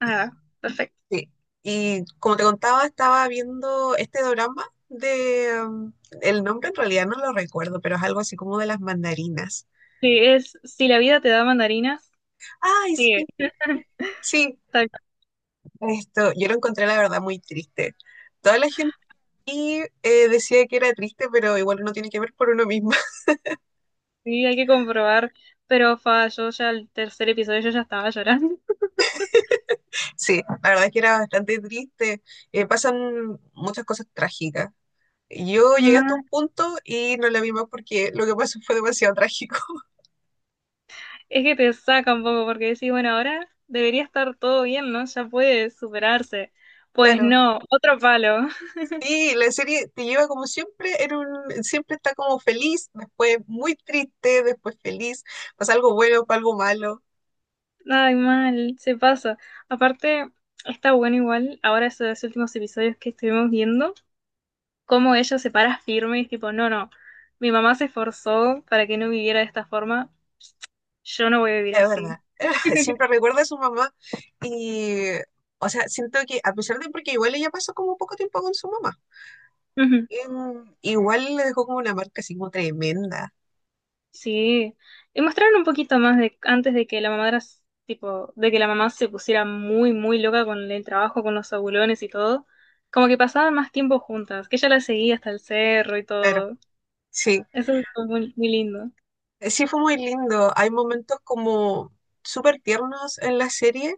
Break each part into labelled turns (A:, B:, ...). A: Ah, perfecto.
B: Sí. Y como te contaba, estaba viendo este drama de el nombre en realidad no lo recuerdo, pero es algo así como de las mandarinas.
A: Sí, es, si la vida te da mandarinas,
B: Ay,
A: sí,
B: sí, sí.
A: exacto.
B: Esto, yo lo encontré la verdad muy triste. Toda la gente aquí, decía que era triste, pero igual uno tiene que ver por uno mismo.
A: Sí, hay que comprobar. Pero fa, yo ya el tercer episodio yo ya estaba llorando.
B: Sí, la verdad es que era bastante triste. Pasan muchas cosas trágicas. Yo llegué
A: Ma,
B: hasta un punto y no la vi más porque lo que pasó fue demasiado trágico.
A: es que te saca un poco porque decís, bueno, ahora debería estar todo bien, ¿no? Ya puede superarse. Pues
B: Claro.
A: no, otro palo.
B: Sí, la serie te lleva como siempre, siempre está como feliz, después muy triste, después feliz, pasa algo bueno, pasa algo malo,
A: Ay, mal, se pasa. Aparte, está bueno igual, ahora esos últimos episodios que estuvimos viendo, cómo ella se para firme y es tipo, no, no, mi mamá se esforzó para que no viviera de esta forma. Yo no voy a vivir
B: es
A: así.
B: verdad. Siempre recuerda a su mamá y, o sea, siento que a pesar de porque igual ella pasó como poco tiempo con su mamá,
A: Ujú.
B: igual le dejó como una marca así como tremenda,
A: Sí, y mostraron un poquito más de antes de que la mamá era tipo, de que la mamá se pusiera muy, muy loca con el trabajo, con los abulones y todo, como que pasaban más tiempo juntas, que ella la seguía hasta el cerro y
B: claro,
A: todo.
B: sí,
A: Eso es muy, muy lindo.
B: sí fue muy lindo, hay momentos como súper tiernos en la serie.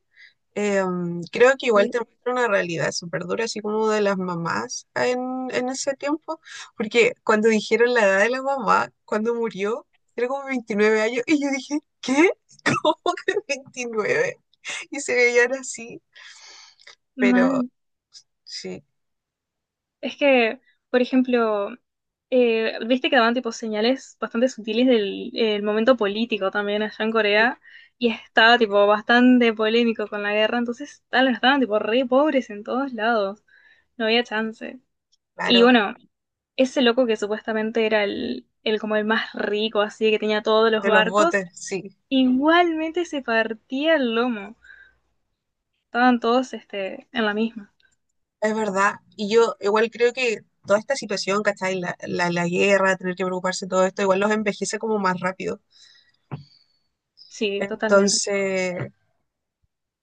B: Creo que igual
A: Sí,
B: te muestra una realidad súper dura, así como de las mamás en ese tiempo, porque cuando dijeron la edad de la mamá, cuando murió, era como 29 años, y yo dije, ¿qué?
A: sí,
B: ¿Cómo que 29? Y se veían así, pero
A: mal.
B: sí,
A: Es que, por ejemplo, viste que daban tipo señales bastante sutiles del el momento político también allá en
B: sí,
A: Corea y estaba tipo bastante polémico con la guerra, entonces tal, estaban tipo re pobres en todos lados, no había chance. Y
B: claro,
A: bueno, ese loco que supuestamente era el como el más rico, así que tenía todos los
B: de los
A: barcos,
B: botes, sí,
A: igualmente se partía el lomo, estaban todos este, en la misma.
B: es verdad. Y yo igual creo que toda esta situación, ¿cachai? La guerra, tener que preocuparse de todo esto, igual los envejece como más rápido.
A: Sí, totalmente.
B: Entonces,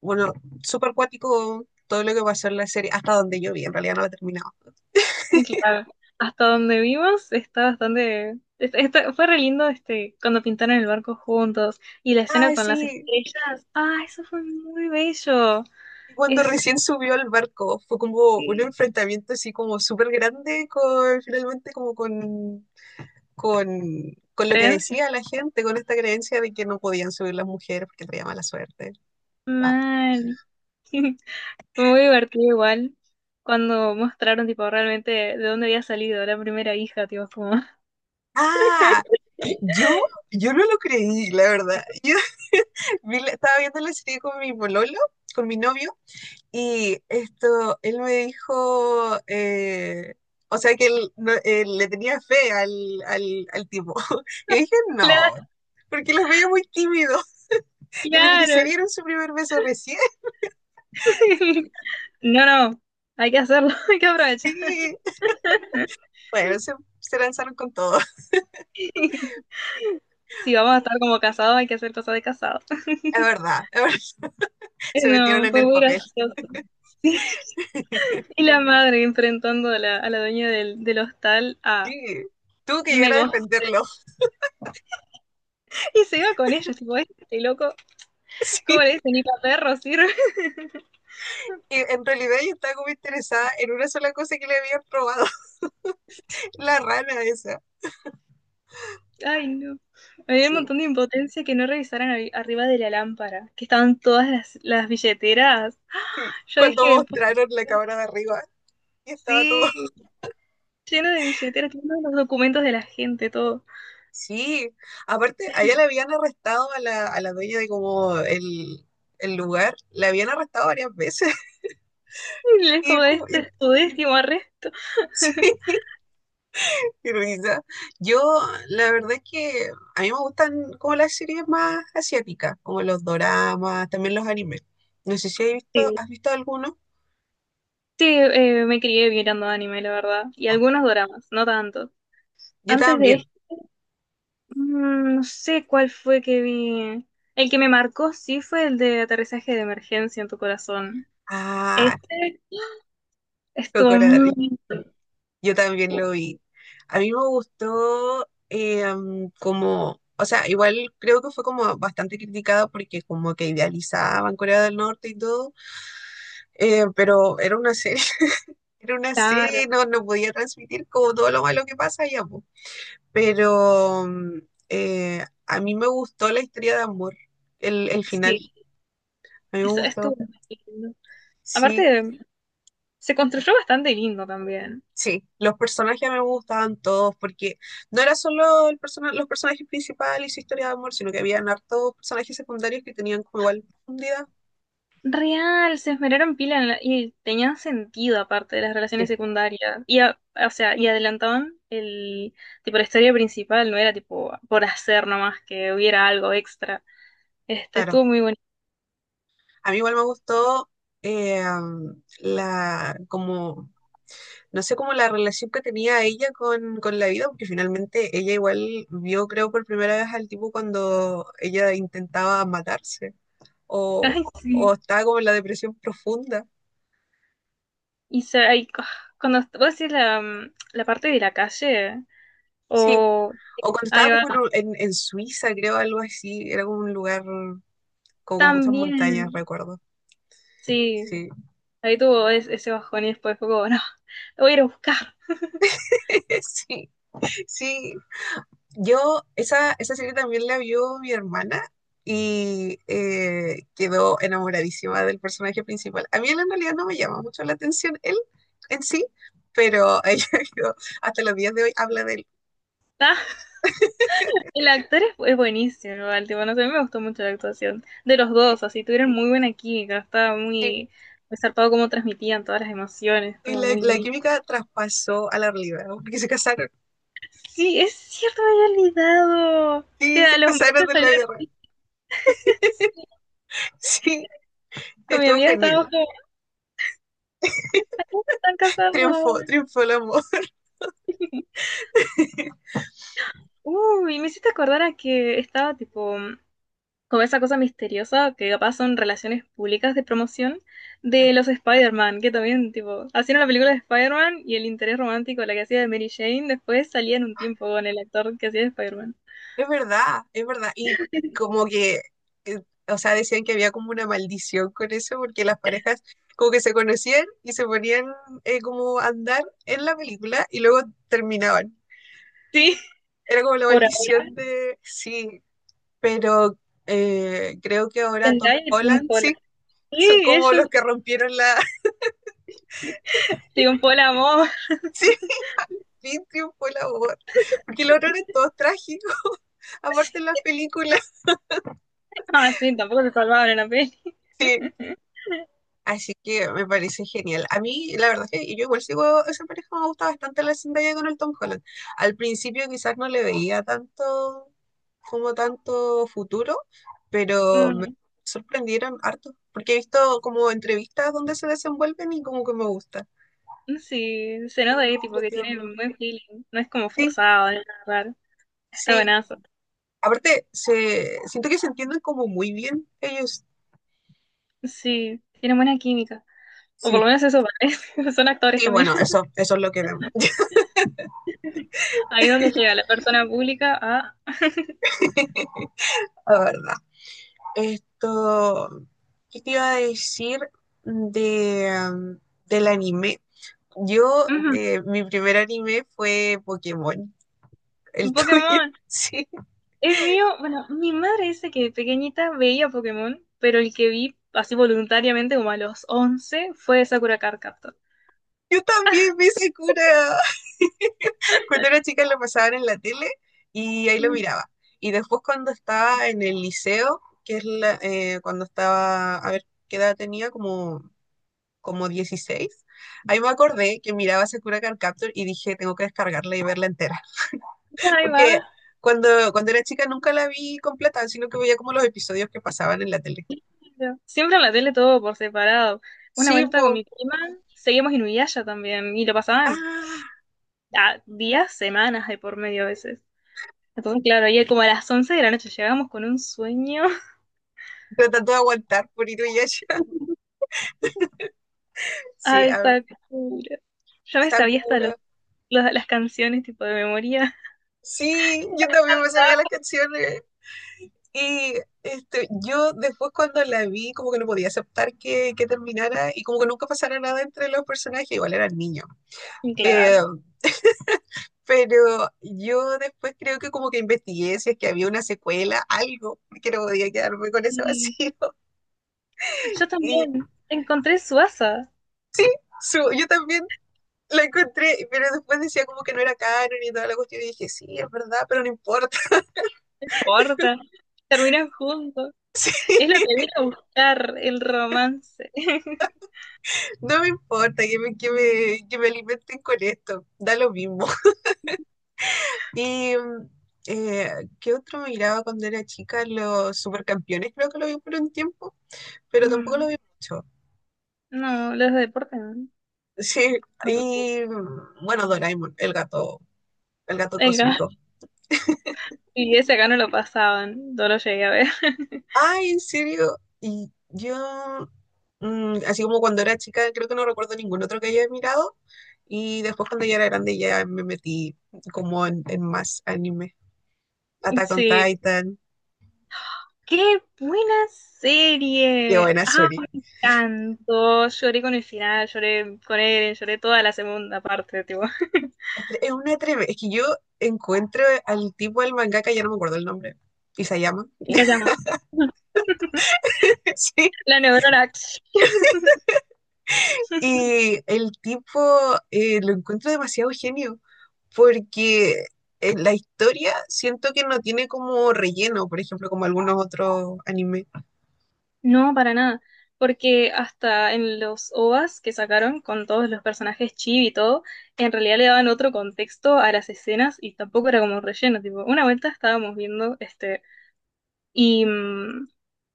B: bueno, súper cuático todo lo que pasó en la serie, hasta donde yo vi, en realidad no la he terminado.
A: Claro, hasta donde vimos está bastante... fue re lindo este, cuando pintaron el barco juntos y la escena
B: Ay,
A: con las
B: sí.
A: estrellas. Ah, eso fue muy bello.
B: Y cuando
A: Es
B: recién subió al barco, fue como un
A: sí,
B: enfrentamiento así como súper grande con, finalmente como con, con, con lo que
A: creencia.
B: decía la gente, con esta creencia de que no podían subir las mujeres porque traía mala suerte. Ah,
A: Mal. Fue muy divertido igual cuando mostraron tipo realmente de dónde había salido la primera hija, tipo como...
B: ah, yo, yo no lo creí, la verdad. Yo estaba viendo la serie con mi pololo, con mi novio. Y esto, él me dijo, o sea que él, él le tenía fe al, al tipo. Y dije, no,
A: Claro,
B: porque los veía muy tímidos. Y le dije, se
A: claro.
B: dieron su primer beso recién.
A: No, no, hay que hacerlo, hay que aprovechar.
B: Y bueno, se lanzaron con todo.
A: Si vamos a estar
B: Y
A: como casados, hay que hacer cosas de casados.
B: es verdad, se metieron
A: No,
B: en
A: fue
B: el
A: muy
B: papel.
A: gracioso. Sí. Y la madre enfrentando a la dueña del hostal a
B: Sí, tuvo que llegar a
A: Megos.
B: defenderlo.
A: Y se iba con ellos, tipo, este loco,
B: Sí,
A: ¿cómo le
B: y
A: dicen? Ni para perro sirve.
B: en realidad yo estaba como interesada en una sola cosa que le habían robado, la rana esa.
A: Ay, no. Había un
B: Sí.
A: montón de impotencia que no revisaran arriba de la lámpara, que estaban todas las billeteras. Yo
B: Cuando
A: dije, "Po-
B: mostraron la cámara de arriba y estaba todo.
A: sí, lleno de billeteras, lleno de los documentos de la gente, todo.
B: Sí, aparte, allá le habían arrestado a la dueña de como el lugar, la habían arrestado varias veces.
A: Y es
B: Y,
A: como, este es tu décimo arresto.
B: y risa. Yo, la verdad es que a mí me gustan como las series más asiáticas, como los doramas, también los animes. No sé si has visto,
A: Sí.
B: has visto alguno.
A: Sí, me crié mirando anime, la verdad. Y
B: Ah,
A: algunos doramas, no tanto.
B: yo
A: Antes de
B: también.
A: este, no sé cuál fue que vi. El que me marcó sí fue el de aterrizaje de emergencia en tu corazón.
B: Ah,
A: Este estuvo
B: Kokoro.
A: muy
B: Yo también lo vi. A mí me gustó como, o sea, igual creo que fue como bastante criticada porque como que idealizaban Corea del Norte y todo, pero era una serie, era una
A: caro.
B: serie, no podía transmitir como todo lo malo que pasa allá, po. Pero a mí me gustó la historia de amor, el final,
A: Sí,
B: a mí me
A: eso estuvo
B: gustó,
A: muy lindo.
B: sí.
A: Aparte, se construyó bastante lindo también.
B: Sí, los personajes me gustaban todos porque no era solo los personajes principales y su historia de amor, sino que habían hartos personajes secundarios que tenían como igual profundidad.
A: Real, se esmeraron pila en y tenían sentido aparte de las relaciones
B: Sí,
A: secundarias. Y, o sea, y adelantaban el, tipo, la historia principal, no era tipo por hacer nomás que hubiera algo extra. Este,
B: claro.
A: estuvo muy bonito.
B: A mí igual me gustó eh, la, como, no sé, como la relación que tenía ella con la vida, porque finalmente ella igual vio, creo, por primera vez al tipo cuando ella intentaba matarse o,
A: Ay,
B: o
A: sí.
B: estaba como en la depresión profunda.
A: Y se, ay, cuando vos decís la, la parte de la calle,
B: Sí,
A: o,
B: o cuando
A: ahí
B: estaba
A: va,
B: como en, en Suiza, creo, algo así. Era como un lugar como con muchas montañas,
A: también,
B: recuerdo.
A: sí,
B: Sí.
A: ahí tuvo ese bajón y después fue como, no, lo voy a ir a buscar.
B: Sí, sí. Yo, esa serie también la vio mi hermana y quedó enamoradísima del personaje principal. A mí él en realidad no me llama mucho la atención, él en sí, pero ella quedó, hasta los días de hoy habla de él.
A: Ah. El actor es buenísimo, igual, tipo, no sé, a mí me gustó mucho la actuación de los dos, así tuvieron muy buena química, estaba
B: Sí.
A: muy, muy zarpado cómo transmitían todas las emociones,
B: Y
A: estaba
B: la,
A: muy
B: la
A: lindo.
B: química traspasó a la realidad, porque se casaron.
A: Sí, es cierto, me había olvidado
B: Sí,
A: que
B: se
A: a los
B: casaron
A: meses
B: en la
A: salieron
B: vida real. Sí,
A: con mi
B: estuvo
A: amiga, estábamos
B: genial.
A: como, están casados.
B: Triunfó, triunfó el amor.
A: Uy, me hiciste acordar a que estaba tipo como esa cosa misteriosa que capaz son relaciones públicas de promoción de los Spider-Man, que también, tipo, hacían la película de Spider-Man y el interés romántico, la que hacía de Mary Jane, después salía en un tiempo con el actor que hacía de Spider-Man.
B: Es verdad, es verdad. Y como que, eh, o sea, decían que había como una maldición con eso, porque las parejas como que se conocían y se ponían como a andar en la película y luego terminaban.
A: Sí,
B: Era como la
A: por ahora
B: maldición de, sí, pero creo que ahora Tom
A: Zendaya y Tom
B: Holland, sí,
A: Holland. Sí,
B: son como
A: ellos
B: los que rompieron la.
A: un por el amor.
B: Sí, fin triunfó el amor, porque el otro era todo trágico,
A: Sí.
B: aparte en las películas,
A: Ah, sí, tampoco se salvaron en la peli.
B: sí. Así que me parece genial. A mí, la verdad es que yo igual sigo a esa pareja, me gusta bastante la Zendaya con el Tom Holland. Al principio quizás no le veía tanto, como tanto futuro, pero me
A: Mm,
B: sorprendieron harto, porque he visto como entrevistas donde se desenvuelven y como que me gusta.
A: sí, se nota
B: Los
A: ahí, tipo,
B: encuentro
A: que tienen
B: tiernos.
A: un buen feeling. No es como
B: Sí,
A: forzado, no es nada raro. Está
B: sí.
A: buenazo.
B: Aparte, siento que se entienden como muy bien ellos.
A: Sí, tienen buena química. O por lo
B: Sí,
A: menos eso parece. Son actores
B: sí,
A: también.
B: bueno, eso es lo que vemos,
A: Ahí donde llega la persona pública a
B: la verdad. Esto, ¿qué te iba a decir de, um, del anime? Yo, mi primer anime fue Pokémon,
A: Ujú,
B: el tuyo,
A: Pokémon.
B: sí.
A: El mío, bueno, mi madre dice que de pequeñita veía Pokémon, pero el que vi así voluntariamente como a los 11 fue Sakura Card Captor.
B: Yo también vi Sakura. Cuando era chica lo pasaban en la tele y ahí lo
A: Y
B: miraba. Y después cuando estaba en el liceo, que es cuando estaba, a ver, ¿qué edad tenía? Como 16. Ahí me acordé que miraba Sakura Card Captor y dije, tengo que descargarla y verla entera.
A: ahí va.
B: Porque cuando era chica nunca la vi completa, sino que veía como los episodios que pasaban en la tele.
A: Siempre en la tele todo por separado. Una
B: Sí,
A: vuelta con
B: po.
A: mi prima, seguimos Inuyasha también y lo pasaban
B: Ah,
A: a días, semanas de por medio a veces. Entonces, claro, ayer como a las 11 de la noche llegamos con un sueño.
B: tratando de aguantar por Inuyasha. Sí,
A: Ay,
B: ah,
A: Sakura. Yo me sabía hasta las,
B: Sakura.
A: las canciones tipo de memoria.
B: Sí, yo también me sabía las canciones. Y este, yo después cuando la vi como que no podía aceptar que terminara y como que nunca pasara nada entre los personajes, igual eran niños. Eh,
A: Claro.
B: pero yo después creo que como que investigué si es que había una secuela, algo, porque no podía quedarme con ese
A: Y
B: vacío.
A: yo
B: Y
A: también encontré suasa.
B: yo también la encontré, pero después decía como que no era canon y toda la cuestión. Y dije, sí, es verdad, pero no importa.
A: No importa. Terminan juntos. Es lo que vine a buscar el romance.
B: No me importa que me, que me, que me alimenten con esto. Da lo mismo. Y eh, ¿qué otro miraba cuando era chica? Los supercampeones, creo que lo vi por un tiempo, pero tampoco lo
A: Mm.
B: vi mucho.
A: No, los deportes no.
B: Sí,
A: No lo puse.
B: y bueno, Doraemon, el gato
A: Venga,
B: cósmico.
A: y ese acá no lo pasaban, no lo llegué a ver.
B: Ay, en serio. Y yo, así como cuando era chica, creo que no recuerdo ningún otro que haya mirado. Y después cuando ya era grande ya me metí como en más anime. Attack on
A: Sí.
B: Titan.
A: ¡Qué buena
B: Qué
A: serie!
B: buena
A: ¡Ah,
B: serie.
A: me encantó! Lloré con el final, lloré con él, lloré toda la segunda parte, tipo.
B: Es una tremenda. Es que yo encuentro al tipo del mangaka, ya no me acuerdo el nombre. Isayama.
A: Y se llama.
B: Sí.
A: La neurona.
B: Y el tipo lo encuentro demasiado genio, porque en la historia siento que no tiene como relleno, por ejemplo, como algunos otros animes.
A: No, para nada. Porque hasta en los OVAs que sacaron con todos los personajes chibi y todo, en realidad le daban otro contexto a las escenas y tampoco era como relleno. Tipo, una vuelta estábamos viendo este. Y,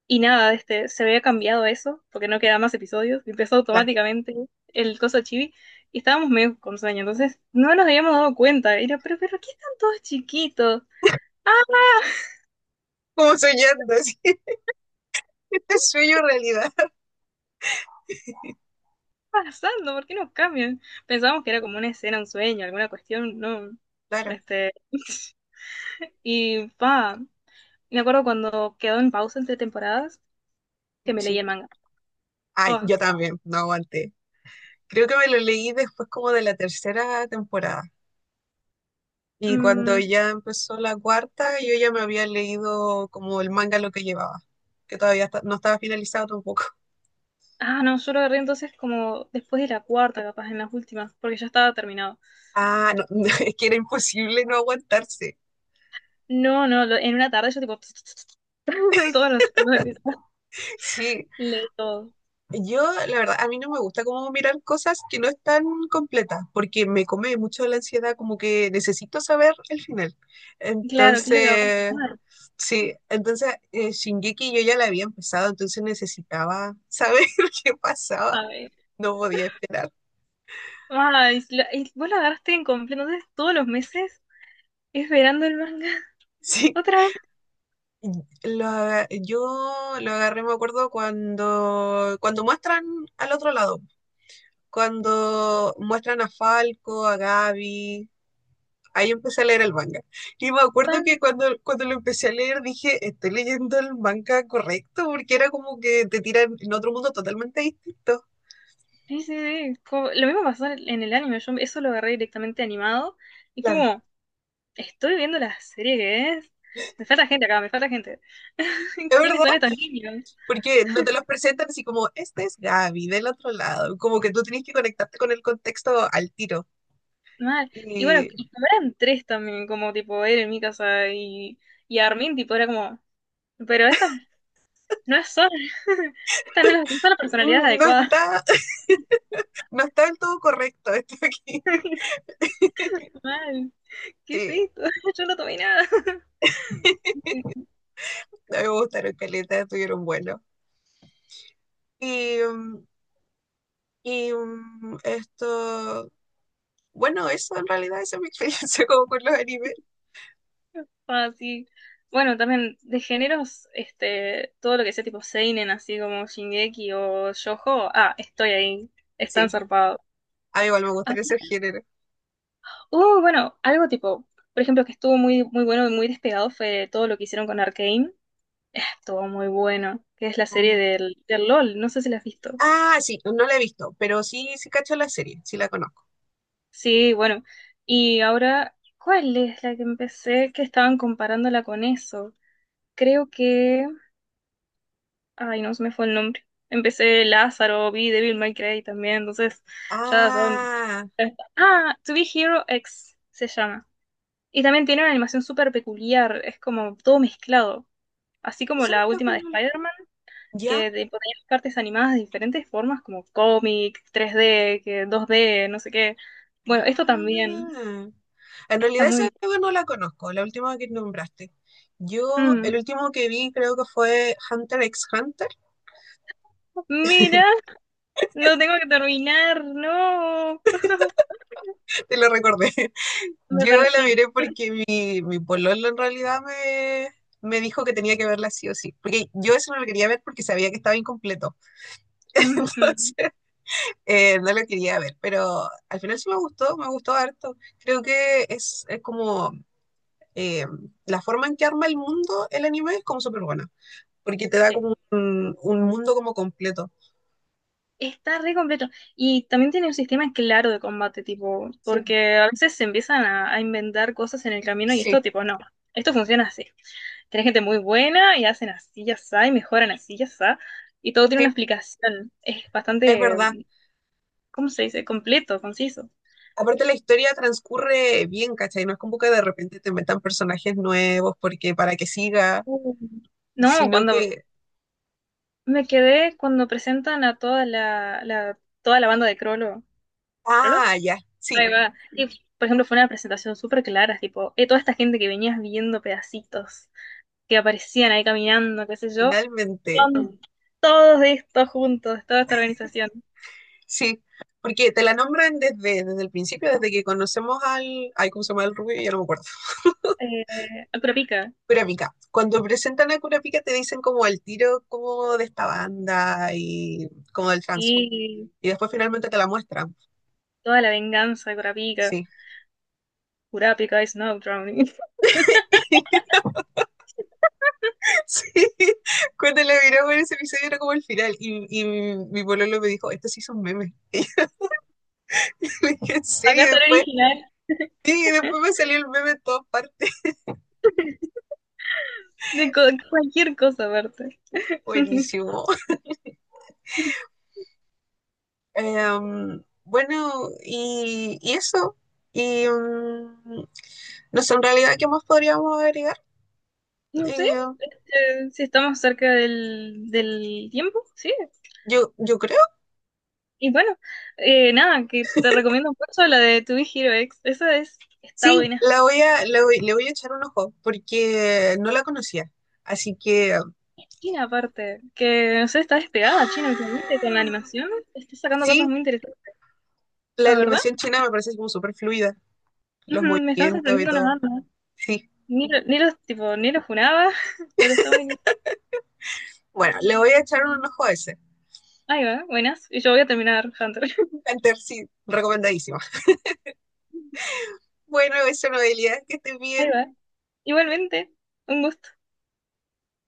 A: y nada, este, se había cambiado eso porque no quedaban más episodios. Y empezó
B: La.
A: automáticamente el coso chibi y estábamos medio con sueño. Entonces no nos habíamos dado cuenta. Era, pero, ¿qué están todos chiquitos? Ah,
B: Como soñando, así, sueño realidad.
A: pasando? ¿Por qué no cambian? Pensábamos que era como una escena, un sueño, alguna cuestión, no.
B: Claro,
A: Este. Y pa, me acuerdo cuando quedó en pausa entre temporadas que me leí
B: sí.
A: el manga.
B: Ay,
A: Oh,
B: yo también, no aguanté. Creo que me lo leí después como de la tercera temporada. Y cuando
A: mm,
B: ya empezó la cuarta, yo ya me había leído como el manga lo que llevaba, que todavía está, no estaba finalizado tampoco.
A: ah, no, yo lo agarré entonces como después de la cuarta, capaz, en las últimas, porque ya estaba terminado.
B: Ah, no, es que era imposible no aguantarse.
A: No, no, en una tarde yo tipo en todos los episodios
B: Sí,
A: leí todo.
B: yo la verdad, a mí no me gusta como mirar cosas que no están completas, porque me come mucho la ansiedad, como que necesito saber el final.
A: Claro, ¿qué es lo que va a
B: Entonces,
A: pasar?
B: sí, entonces Shingeki yo ya la había empezado, entonces necesitaba saber qué pasaba,
A: A ver.
B: no podía esperar.
A: Ay, y vos lo agarraste en completo, entonces todos los meses esperando el manga.
B: Sí.
A: Otra
B: Yo lo agarré, me acuerdo, cuando muestran al otro lado, cuando, muestran a Falco, a Gaby, ahí empecé a leer el manga. Y me acuerdo que
A: Pan,
B: cuando lo empecé a leer dije, estoy leyendo el manga correcto, porque era como que te tiran en otro mundo totalmente distinto.
A: sí, sí, sí. Lo mismo pasó en el anime, yo eso lo agarré directamente animado y fue
B: Claro.
A: como, estoy viendo la serie que es. Me falta gente acá, me falta gente.
B: Es
A: ¿Quiénes
B: verdad,
A: son estos niños?
B: porque no te los presentan así como, este es Gaby del otro lado, como que tú tienes que conectarte con el contexto al tiro.
A: Mal. Y bueno,
B: Y
A: y como eran tres también, como tipo él, en mi casa y Armin, tipo era como, pero estas no son, estas no son las personalidades
B: no
A: adecuadas.
B: está, no está del todo correcto esto aquí.
A: Mal, ¿qué es
B: Sí, a
A: esto? Yo no tomé nada.
B: mí me gustaron caletas, estuvieron buenos. Y mm, Esto, bueno, eso en realidad esa es mi experiencia como con los animes.
A: Ah, sí. Bueno, también de géneros, este, todo lo que sea tipo seinen, así como Shingeki o Shoujo, ah, estoy ahí, están
B: Sí,
A: zarpados.
B: a mí igual me
A: Ah,
B: gustaría ser género.
A: bueno, algo tipo, por ejemplo, que estuvo muy, muy bueno y muy despegado fue todo lo que hicieron con Arcane. Estuvo muy bueno, que es la serie
B: Mm.
A: del LOL, no sé si la has visto.
B: Ah, sí, no la he visto, pero sí, sí cacho la serie, sí la conozco.
A: Sí, bueno. Y ahora, ¿cuál es la que empecé que estaban comparándola con eso? Creo que ay, no se me fue el nombre. Empecé Lázaro, vi Devil May Cry también, entonces ya son...
B: Ah,
A: Ah, To Be Hero X se llama. Y también tiene una animación súper peculiar, es como todo mezclado. Así como
B: esa
A: la
B: creo que
A: última de
B: no la.
A: Spider-Man,
B: ¿Ya?
A: que te ponía cartas animadas de diferentes formas, como cómic, 3D, que 2D, no sé qué. Bueno, esto también
B: Ah. En
A: está
B: realidad esa
A: muy...
B: creo que no la conozco, la última que nombraste. Yo,
A: Mm,
B: el último que vi creo que fue Hunter x Hunter,
A: mira, lo tengo que terminar, no.
B: te lo recordé.
A: Me
B: Yo la miré
A: persigue.
B: porque mi pololo en realidad me, me dijo que tenía que verla sí o sí. Porque yo eso no lo quería ver porque sabía que estaba incompleto.
A: Ujú,
B: Entonces, no lo quería ver. Pero al final sí me gustó harto. Creo que es como eh, la forma en que arma el mundo el anime es como súper buena. Porque te da
A: sí.
B: como un mundo como completo.
A: Está re completo. Y también tiene un sistema claro de combate, tipo,
B: Sí,
A: porque a veces se empiezan a inventar cosas en el camino y
B: sí,
A: esto, tipo, no, esto funciona así. Tenés gente muy buena y hacen así y asá y mejoran así y asá. Y todo tiene
B: sí,
A: una explicación. Es
B: es
A: bastante,
B: verdad.
A: ¿cómo se dice? Completo, conciso.
B: Aparte la historia transcurre bien, ¿cachai? No es como que de repente te metan personajes nuevos porque para que siga,
A: Uh. No,
B: sino
A: cuando
B: que,
A: me quedé, cuando presentan a toda toda la banda de Crollo. ¿Crollo?
B: ah, ya, sí,
A: Ahí va. Y, por ejemplo, fue una presentación súper clara, tipo, toda esta gente que venías viendo pedacitos que aparecían ahí caminando, qué sé yo,
B: finalmente,
A: son todos estos juntos, toda esta organización.
B: sí, porque te la nombran desde el principio, desde que conocemos ay, ¿cómo se llama el rubio? Ya no me acuerdo,
A: Eh, Curapica
B: Kurapika. Cuando presentan a Kurapika te dicen como el tiro como de esta banda y como del trans.
A: y
B: Y después finalmente te la muestran,
A: toda la venganza de Curapica,
B: sí.
A: is y drowning.
B: Sí, cuando la miramos en ese episodio era como el final y mi pololo me dijo, esto sí son memes. Le dije, ¿en serio?
A: Acá
B: Y
A: está el
B: después,
A: original
B: sí, y después me salió el meme en todas partes.
A: de cualquier cosa aparte.
B: Buenísimo. Em, bueno, y eso. Y no sé, en realidad, ¿qué más podríamos agregar?
A: No sé
B: Eh,
A: si estamos cerca del, del tiempo, sí.
B: yo creo.
A: Y bueno, nada, que te recomiendo mucho la de To Be Hero X. Esa es, está
B: Sí,
A: buena.
B: la voy a, la voy- le voy a echar un ojo porque no la conocía. Así que...
A: China aparte, que no sé, está despegada China últimamente con la
B: ¡Ah!
A: animación, está sacando cosas
B: Sí,
A: muy interesantes,
B: la
A: la verdad.
B: animación china me parece como súper fluida, los
A: Ujú, me están
B: movimientos y
A: sorprendiendo las
B: todo.
A: bandas.
B: Sí.
A: Ni, ni los tipo, ni los funaba, pero está muy.
B: Bueno, le voy a echar un ojo a ese.
A: Ahí va, buenas. Y yo voy a terminar Hunter.
B: Hunter, sí, recomendadísimo. Bueno, eso, Noelia, que estés
A: Ahí
B: bien.
A: va. Igualmente, un gusto.